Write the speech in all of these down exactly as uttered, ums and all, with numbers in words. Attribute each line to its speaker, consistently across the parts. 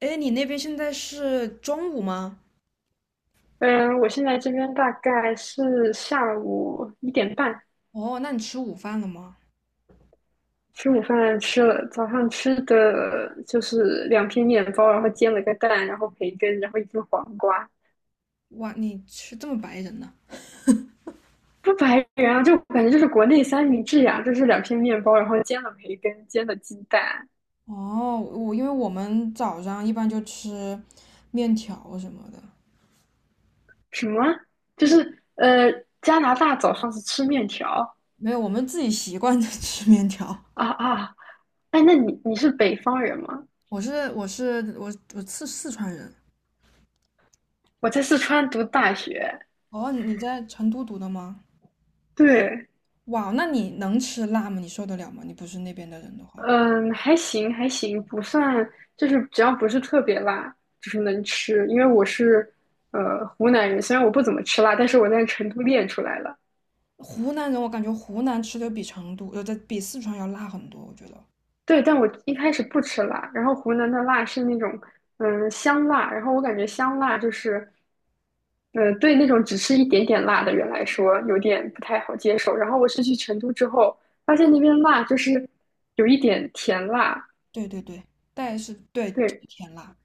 Speaker 1: 哎，你那边现在是中午吗？
Speaker 2: 嗯，我现在这边大概是下午一点半，
Speaker 1: 哦，那你吃午饭了吗？
Speaker 2: 吃午饭吃了，早上吃的就是两片面包，然后煎了个蛋，然后培根，然后一根黄瓜，
Speaker 1: 哇，你吃这么白人呢？
Speaker 2: 不白人啊，就感觉就是国内三明治呀、就是两片面包，然后煎了培根，煎了鸡蛋。
Speaker 1: 哦，我因为我们早上一般就吃面条什么的。
Speaker 2: 什么？就
Speaker 1: 面，
Speaker 2: 是呃，加拿大早上是吃面条？
Speaker 1: 没有，我们自己习惯的 吃面条。
Speaker 2: 啊啊，哎，那你你是北方人吗？
Speaker 1: 我是我是我我是四川人。
Speaker 2: 我在四川读大学。
Speaker 1: 哦，你在成都读的吗？
Speaker 2: 对。
Speaker 1: 哇，那你能吃辣吗？你受得了吗？你不是那边的人的话，
Speaker 2: 嗯，还行还行，不算，就是只要不是特别辣，就是能吃。因为我是呃湖南人，虽然我不怎么吃辣，但是我在成都练出来了。
Speaker 1: 湖南人我感觉湖南吃的比成都，呃，在比四川要辣很多，我觉得。
Speaker 2: 对，但我一开始不吃辣，然后湖南的辣是那种嗯香辣。然后我感觉香辣就是嗯，对那种只吃一点点辣的人来说有点不太好接受。然后我是去成都之后，发现那边辣就是有一点甜辣。
Speaker 1: 对对对，但是对，就是
Speaker 2: 对，
Speaker 1: 甜辣。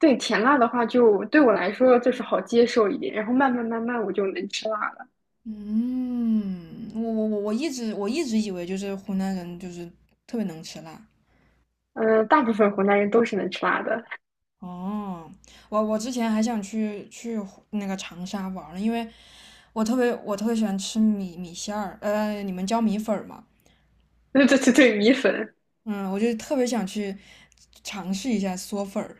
Speaker 2: 对甜辣的话就，对我来说就是好接受一点，然后慢慢慢慢我就能吃辣了。
Speaker 1: 嗯，我我我我一直我一直以为就是湖南人就是特别能吃辣。
Speaker 2: 嗯，大部分湖南人都是能吃辣的。
Speaker 1: 哦，我我之前还想去去湖那个长沙玩儿呢，因为我特别我特别喜欢吃米米线儿，呃，你们叫米粉儿嘛。
Speaker 2: 对对对对，米粉。
Speaker 1: 嗯，我就特别想去尝试一下嗦粉儿。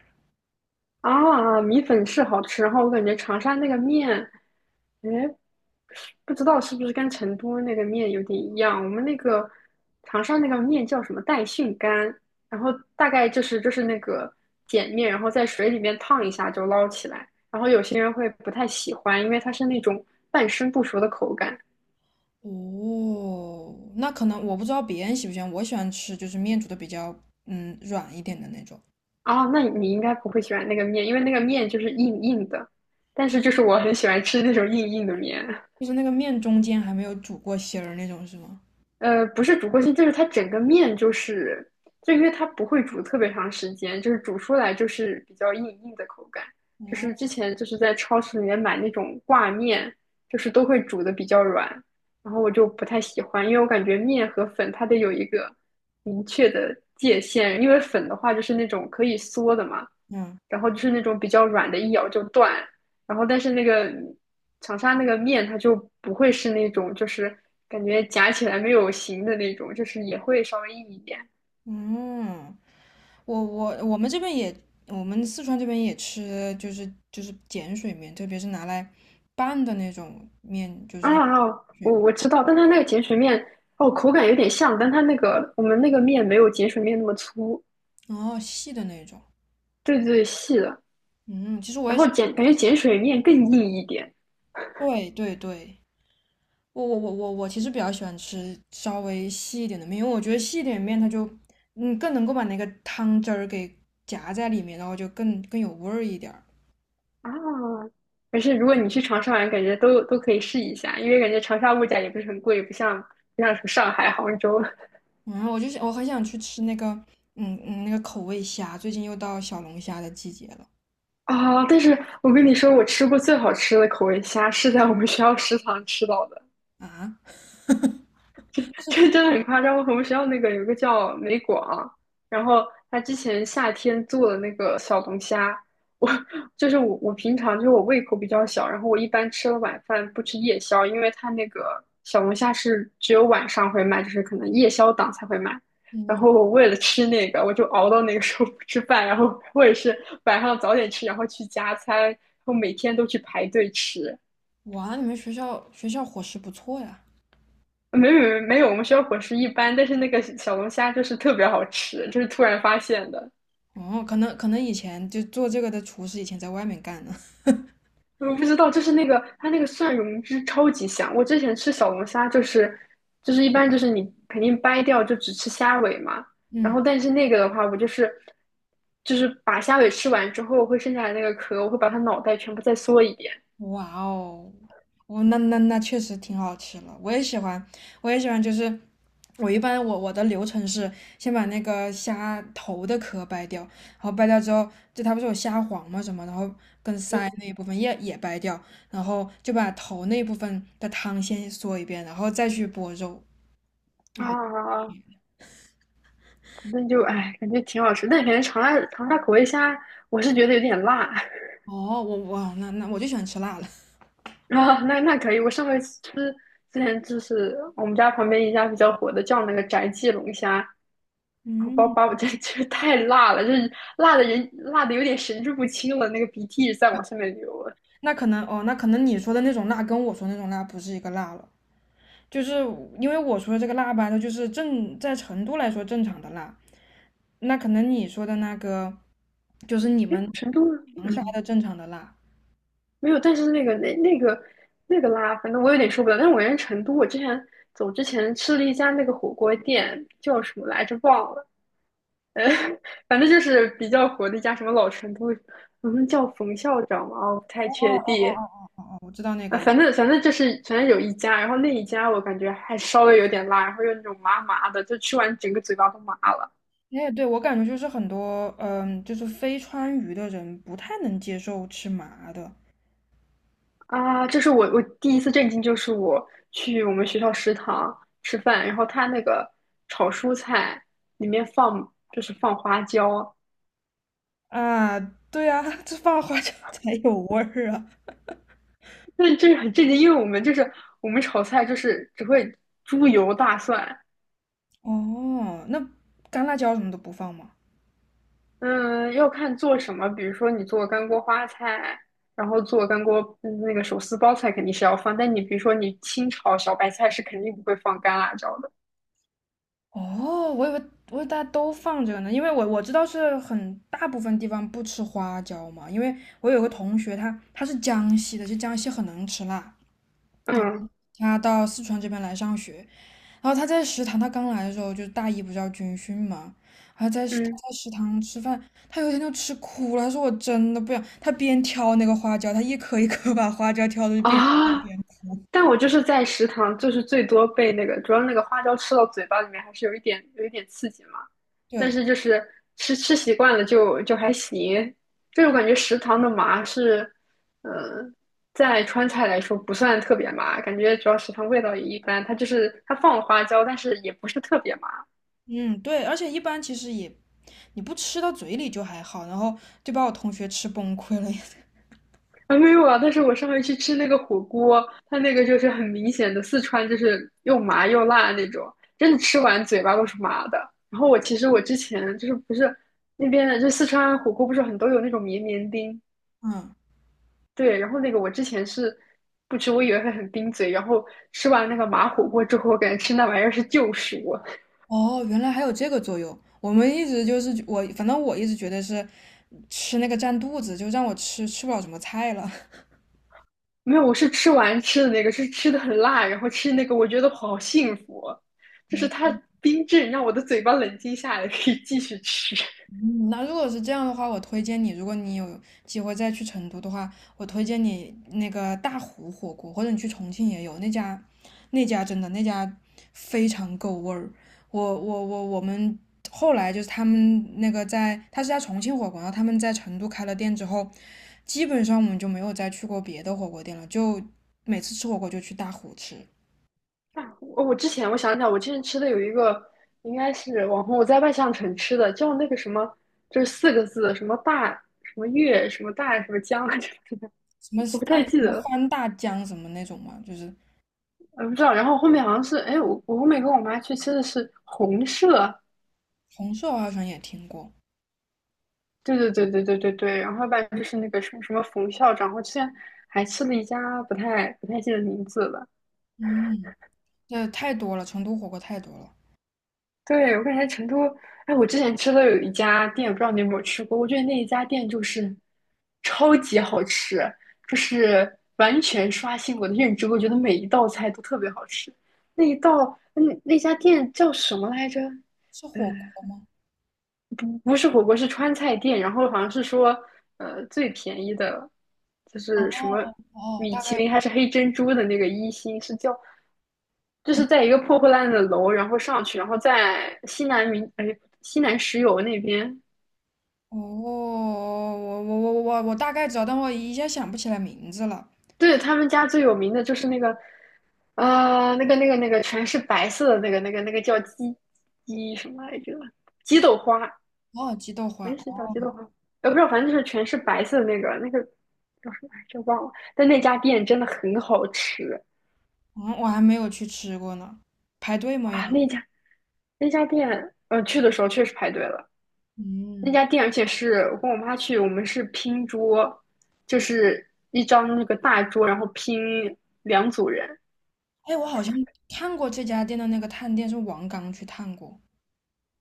Speaker 2: 啊，米粉是好吃。然后我感觉长沙那个面，哎，不知道是不是跟成都那个面有点一样。我们那个长沙那个面叫什么带训干，然后大概就是就是那个碱面，然后在水里面烫一下就捞起来。然后有些人会不太喜欢，因为它是那种半生不熟的口感。
Speaker 1: 哦，那可能我不知道别人喜不喜欢，我喜欢吃就是面煮的比较嗯软一点的那种。
Speaker 2: 哦，那你应该不会喜欢那个面，因为那个面就是硬硬的，但是就是我很喜欢吃那种硬硬的面。
Speaker 1: 就是那个面中间还没有煮过芯儿那种是吗？
Speaker 2: 呃，不是煮过性，就是它整个面就是，就因为它不会煮特别长时间，就是煮出来就是比较硬硬的口感。就是
Speaker 1: 哦，
Speaker 2: 之前就是在超市里面买那种挂面，就是都会煮的比较软，然后我就不太喜欢，因为我感觉面和粉它得有一个明确的界限，因为粉的话就是那种可以缩的嘛，
Speaker 1: 嗯。
Speaker 2: 然后就是那种比较软的，一咬就断。然后但是那个长沙那个面它就不会是那种就是感觉夹起来没有形的那种，就是也会稍微硬一点。
Speaker 1: 嗯，我我我们这边也，我们四川这边也吃，就是就是碱水面，特别是拿来拌的那种面，就是碱
Speaker 2: 啊，哦
Speaker 1: 水
Speaker 2: 我
Speaker 1: 面。
Speaker 2: 我知道，但它那个碱水面哦，口感有点像，但它那个我们那个面没有碱水面那么粗。
Speaker 1: 哦，细的那种。
Speaker 2: 对对，细的。
Speaker 1: 嗯，其实我
Speaker 2: 然
Speaker 1: 也
Speaker 2: 后
Speaker 1: 喜，
Speaker 2: 碱感觉碱水面更硬一点。
Speaker 1: 对对对，我我我我我其实比较喜欢吃稍微细一点的面，因为我觉得细一点的面它就，嗯，更能够把那个汤汁儿给夹在里面，然后就更更有味儿一点儿。
Speaker 2: 啊，可是如果你去长沙玩，感觉都都可以试一下，因为感觉长沙物价也不是很贵，不像不像什么上海、杭州。
Speaker 1: 嗯，我就想，我很想去吃那个，嗯嗯，那个口味虾，最近又到小龙虾的季节了。
Speaker 2: 啊，但是我跟你说，我吃过最好吃的口味虾是在我们学校食堂吃到的。
Speaker 1: 啊，
Speaker 2: 这真的很夸张。我们学校那个有一个叫美广，然后他之前夏天做的那个小龙虾，我就是我我平常就是我胃口比较小，然后我一般吃了晚饭不吃夜宵，因为他那个小龙虾是只有晚上会卖，就是可能夜宵档才会卖。然
Speaker 1: 嗯，
Speaker 2: 后我为了吃那个，我就熬到那个时候不吃饭，然后或者是晚上早点吃，然后去加餐，然后每天都去排队吃。
Speaker 1: 哇，你们学校学校伙食不错呀。
Speaker 2: 没有没有没有，我们学校伙食一般，但是那个小龙虾就是特别好吃，就是突然发现的。
Speaker 1: 哦，可能可能以前就做这个的厨师以前在外面干呢。
Speaker 2: 我不知道，就是那个它那个蒜蓉汁超级香。我之前吃小龙虾就是就是一般就是你肯定掰掉就只吃虾尾嘛，然后
Speaker 1: 嗯，
Speaker 2: 但是那个的话，我就是就是把虾尾吃完之后，会剩下来那个壳，我会把它脑袋全部再嗦一遍。
Speaker 1: 哇哦，哦，那那那确实挺好吃了，我也喜欢，我也喜欢，就是我一般我我的流程是先把那个虾头的壳掰掉，然后掰掉之后，就它不是有虾黄嘛什么，然后跟鳃那一部分也也掰掉，然后就把头那部分的汤先嗦一遍，然后再去剥肉。
Speaker 2: 啊啊啊，反正就哎，感觉挺好吃，但感觉长沙长沙口味虾，我是觉得有点辣。
Speaker 1: 哦，我我那那我就喜欢吃辣了。
Speaker 2: 啊，那那可以。我上回吃之前就是我们家旁边一家比较火的叫那个宅记龙虾，然后
Speaker 1: 嗯，
Speaker 2: 把把我 这这 太辣了，就是辣的人辣的有点神志不清了，那个鼻涕在往上面流了。
Speaker 1: 那可能哦，那可能你说的那种辣跟我说的那种辣不是一个辣了，就是因为我说的这个辣吧，它就是正在成都来说正常的辣，那可能你说的那个就是你
Speaker 2: 哎，
Speaker 1: 们
Speaker 2: 成都
Speaker 1: 长沙
Speaker 2: 嗯
Speaker 1: 的正常的辣。
Speaker 2: 没有，但是那个那那个那个辣，反正我有点受不了。但是我人成都，我之前走之前吃了一家那个火锅店，叫什么来着忘了，呃，反正就是比较火的一家什么老成都，好像叫冯校长嘛，哦我不太
Speaker 1: 哦哦
Speaker 2: 确
Speaker 1: 哦
Speaker 2: 定。
Speaker 1: 哦哦哦，哦，我知道那
Speaker 2: 啊，
Speaker 1: 个。
Speaker 2: 反正反正就是反正有一家，然后那一家我感觉还稍微有点辣，然后又那种麻麻的，就吃完整个嘴巴都麻了。
Speaker 1: 哎，对，我感觉就是很多嗯，就是非川渝的人不太能接受吃麻的
Speaker 2: 啊！这是我我第一次震惊，就是我去我们学校食堂吃饭，然后他那个炒蔬菜里面放就是放花椒。
Speaker 1: 啊。对啊，这放花椒才有味儿啊。
Speaker 2: 那这是很震惊，因为我们就是我们炒菜就是只会猪油大蒜。
Speaker 1: 哦，那干辣椒什么都不放吗？
Speaker 2: 嗯，要看做什么，比如说你做干锅花菜，然后做干锅嗯那个手撕包菜肯定是要放，但你比如说你清炒小白菜是肯定不会放干辣椒的。
Speaker 1: 哦，我以为我以为大家都放这个呢，因为我我知道是很大部分地方不吃花椒嘛，因为我有个同学他他是江西的，就江西很能吃辣。
Speaker 2: 嗯
Speaker 1: 他到四川这边来上学，然后他在食堂，他刚来的时候就是大一不是要军训嘛，然后在食他
Speaker 2: 嗯。
Speaker 1: 在食堂吃饭，他有一天就吃哭了，他说我真的不想，他边挑那个花椒，他一颗一颗把花椒挑的就边挑
Speaker 2: 啊？
Speaker 1: 边哭。
Speaker 2: 但我就是在食堂，就是最多被那个，主要那个花椒吃到嘴巴里面还是有一点有一点刺激嘛。但
Speaker 1: 对，
Speaker 2: 是就是吃吃习惯了就就还行。就是我感觉食堂的麻是，嗯、呃在川菜来说不算特别麻，感觉主要食堂味道也一般。它就是它放了花椒，但是也不是特别麻。
Speaker 1: 嗯，对，而且一般其实也你不吃到嘴里就还好，然后就把我同学吃崩溃了。
Speaker 2: 还没有啊，但是我上回去吃那个火锅，它那个就是很明显的四川，就是又麻又辣那种，真的吃完嘴巴都是麻的。然后我其实我之前就是不是那边的就四川火锅不是很多有那种绵绵冰。
Speaker 1: 嗯，
Speaker 2: 对，然后那个我之前是不吃，我以为会很冰嘴，然后吃完那个麻火锅之后，我感觉吃那玩意儿是救赎啊。
Speaker 1: 哦，原来还有这个作用。我们一直就是我，反正我一直觉得是吃那个占肚子，就让我吃吃不了什么菜了。
Speaker 2: 没有，我是吃完吃的那个，是吃的很辣，然后吃那个，我觉得好幸福啊，就是它冰镇让我的嘴巴冷静下来，可以继续吃。
Speaker 1: 那如果是这样的话，我推荐你，如果你有机会再去成都的话，我推荐你那个大湖火锅，或者你去重庆也有那家，那家真的那家非常够味儿。我我我我们后来就是他们那个在，他是在重庆火锅，然后他们在成都开了店之后，基本上我们就没有再去过别的火锅店了，就每次吃火锅就去大湖吃。
Speaker 2: 啊，我我之前我想想，我之前吃的有一个，应该是网红，我在万象城吃的，叫那个什么，就是四个字，什么大什么月什么大什么江来着，
Speaker 1: 什么
Speaker 2: 我不太
Speaker 1: 饭，什
Speaker 2: 记
Speaker 1: 么
Speaker 2: 得了，
Speaker 1: 欢大江什么那种嘛，就是
Speaker 2: 呃，不知道。然后后面好像是，哎，我我后面跟我妈去吃的是红舍。
Speaker 1: 红烧好像也听过。
Speaker 2: 对对对对对对对，然后要不然就是那个什么什么冯校长，我之前还吃了一家不太不太记得名字了。
Speaker 1: 嗯。这太多了，成都火锅太多了。
Speaker 2: 对，我感觉成都，哎，我之前吃的有一家店，不知道你有没有吃过？我觉得那一家店就是超级好吃，就是完全刷新我的认知。我觉得每一道菜都特别好吃。那一道，那那家店叫什么来着？
Speaker 1: 是火
Speaker 2: 嗯。
Speaker 1: 锅吗？
Speaker 2: 不不是火锅，是川菜店，然后好像是说，呃，最便宜的，就
Speaker 1: 哦
Speaker 2: 是什么
Speaker 1: 哦，
Speaker 2: 米
Speaker 1: 大
Speaker 2: 其
Speaker 1: 概，
Speaker 2: 林还是黑珍珠的那个一星，是叫，就是
Speaker 1: 嗯，
Speaker 2: 在一个破破烂烂的楼，然后上去，然后在西南民，哎，西南石油那边。
Speaker 1: 哦，我我我我我大概知道，但我一下想不起来名字了。
Speaker 2: 对，他们家最有名的就是那个，呃，那个那个那个全是白色的那个那个那个叫鸡鸡什么来着？鸡豆花，
Speaker 1: 哦，鸡豆花，
Speaker 2: 没洗脚
Speaker 1: 哦，
Speaker 2: 机的话，呃，不知道，反正就是全是白色的那个，那个叫什么来着忘了。但那家店真的很好吃。
Speaker 1: 嗯，我还没有去吃过呢。排队吗要？
Speaker 2: 哇，那家那家店，呃，去的时候确实排队了。那
Speaker 1: 嗯，
Speaker 2: 家店，而且是我跟我妈去，我们是拼桌，就是一张那个大桌，然后拼两组人。
Speaker 1: 哎，我好像看过这家店的那个探店，是王刚去探过。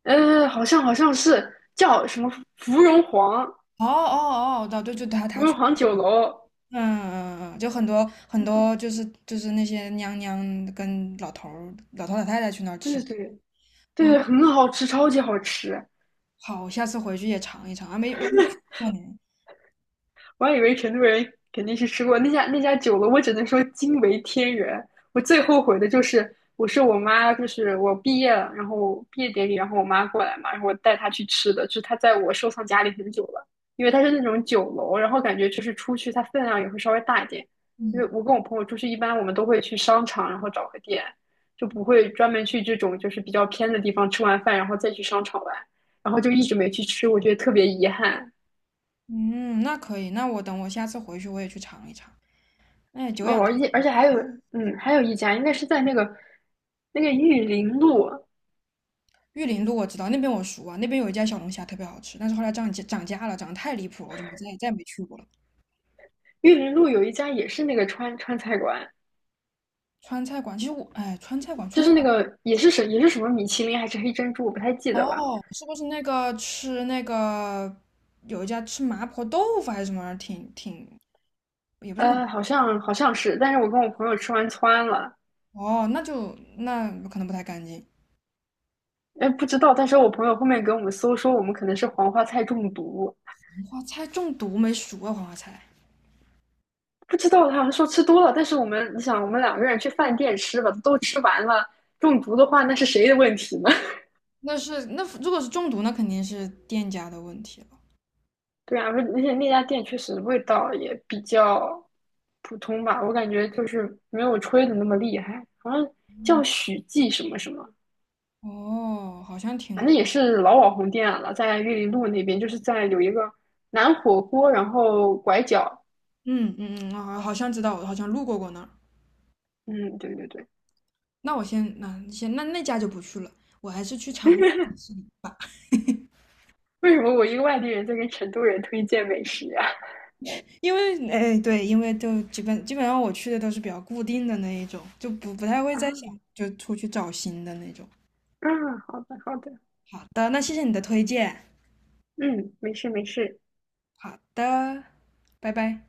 Speaker 2: 呃，好像好像是叫什么芙蓉皇，
Speaker 1: 哦哦哦，对对，就他
Speaker 2: 芙
Speaker 1: 他
Speaker 2: 蓉
Speaker 1: 去，
Speaker 2: 皇酒楼。
Speaker 1: 嗯嗯嗯，嗯，就很多很多，就是就是那些娘娘跟老头儿、老头老太太去那儿
Speaker 2: 对
Speaker 1: 吃。
Speaker 2: 对对
Speaker 1: 嗯，
Speaker 2: 对，很好吃，超级好吃。
Speaker 1: 好，我下次回去也尝一尝啊，没我没吃过呢。
Speaker 2: 我还以为成都人肯定是吃过那家那家酒楼，我只能说惊为天人。我最后悔的就是，我是我妈，就是我毕业了，然后毕业典礼，然后我妈过来嘛，然后我带她去吃的，就是她在我收藏夹里很久了，因为它是那种酒楼，然后感觉就是出去它分量也会稍微大一点。因为
Speaker 1: 嗯
Speaker 2: 我跟我朋友出去，一般我们都会去商场，然后找个店，就不会专门去这种就是比较偏的地方吃完饭，然后再去商场玩，然后就一直没去吃，我觉得特别遗憾。
Speaker 1: 嗯，那可以，那我等我下次回去我也去尝一尝。哎，久
Speaker 2: 哦，
Speaker 1: 仰大
Speaker 2: 而且而
Speaker 1: 名。
Speaker 2: 且还有，嗯，还有一家应该是在那个那个玉林路。
Speaker 1: 玉林路我知道，那边我熟啊，那边有一家小龙虾特别好吃，但是后来涨价涨价了，涨得太离谱了，我就没再再也没去过了。
Speaker 2: 玉林路有一家也是那个川川菜馆，
Speaker 1: 川菜馆，其实我哎，川菜馆，川
Speaker 2: 就
Speaker 1: 菜
Speaker 2: 是那
Speaker 1: 馆，
Speaker 2: 个也是什也是什么米其林还是黑珍珠，我不太记得了，
Speaker 1: 哦，是不是那个吃那个有一家吃麻婆豆腐还是什么玩意儿挺挺也不是麻，
Speaker 2: 呃，好像好像是，但是我跟我朋友吃完窜了。
Speaker 1: 哦，那就那可能不太干净。
Speaker 2: 哎，不知道，但是我朋友后面给我们搜说我们可能是黄花菜中毒，
Speaker 1: 黄花菜中毒没熟啊，黄花菜。
Speaker 2: 不知道他好像说吃多了，但是我们你想我们两个人去饭店吃吧，都吃完了，中毒的话那是谁的问题呢？
Speaker 1: 那是那如果是中毒，那肯定是店家的问题了。
Speaker 2: 对啊，而且那家店确实味道也比较普通吧，我感觉就是没有吹的那么厉害，好像叫许记什么什么，
Speaker 1: 哦，好像听
Speaker 2: 反正
Speaker 1: 过，
Speaker 2: 也是老网红店了，在玉林路那边，就是在有一个南火锅，然后拐角。
Speaker 1: 嗯嗯嗯，啊，好像知道，我好像路过过那儿。
Speaker 2: 嗯，对对对，
Speaker 1: 那我先，那先那那家就不去了，我还是去尝，
Speaker 2: 为什么我一个外地人在跟成都人推荐美食呀、
Speaker 1: 因为哎对，因为就基本基本上我去的都是比较固定的那一种，就不不太 会
Speaker 2: 啊？
Speaker 1: 再想就出去找新的那种。
Speaker 2: 啊啊，好的好的。
Speaker 1: 好的，那谢谢你的推荐。
Speaker 2: 嗯，没事没事，
Speaker 1: 好的，拜拜。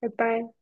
Speaker 2: 拜拜。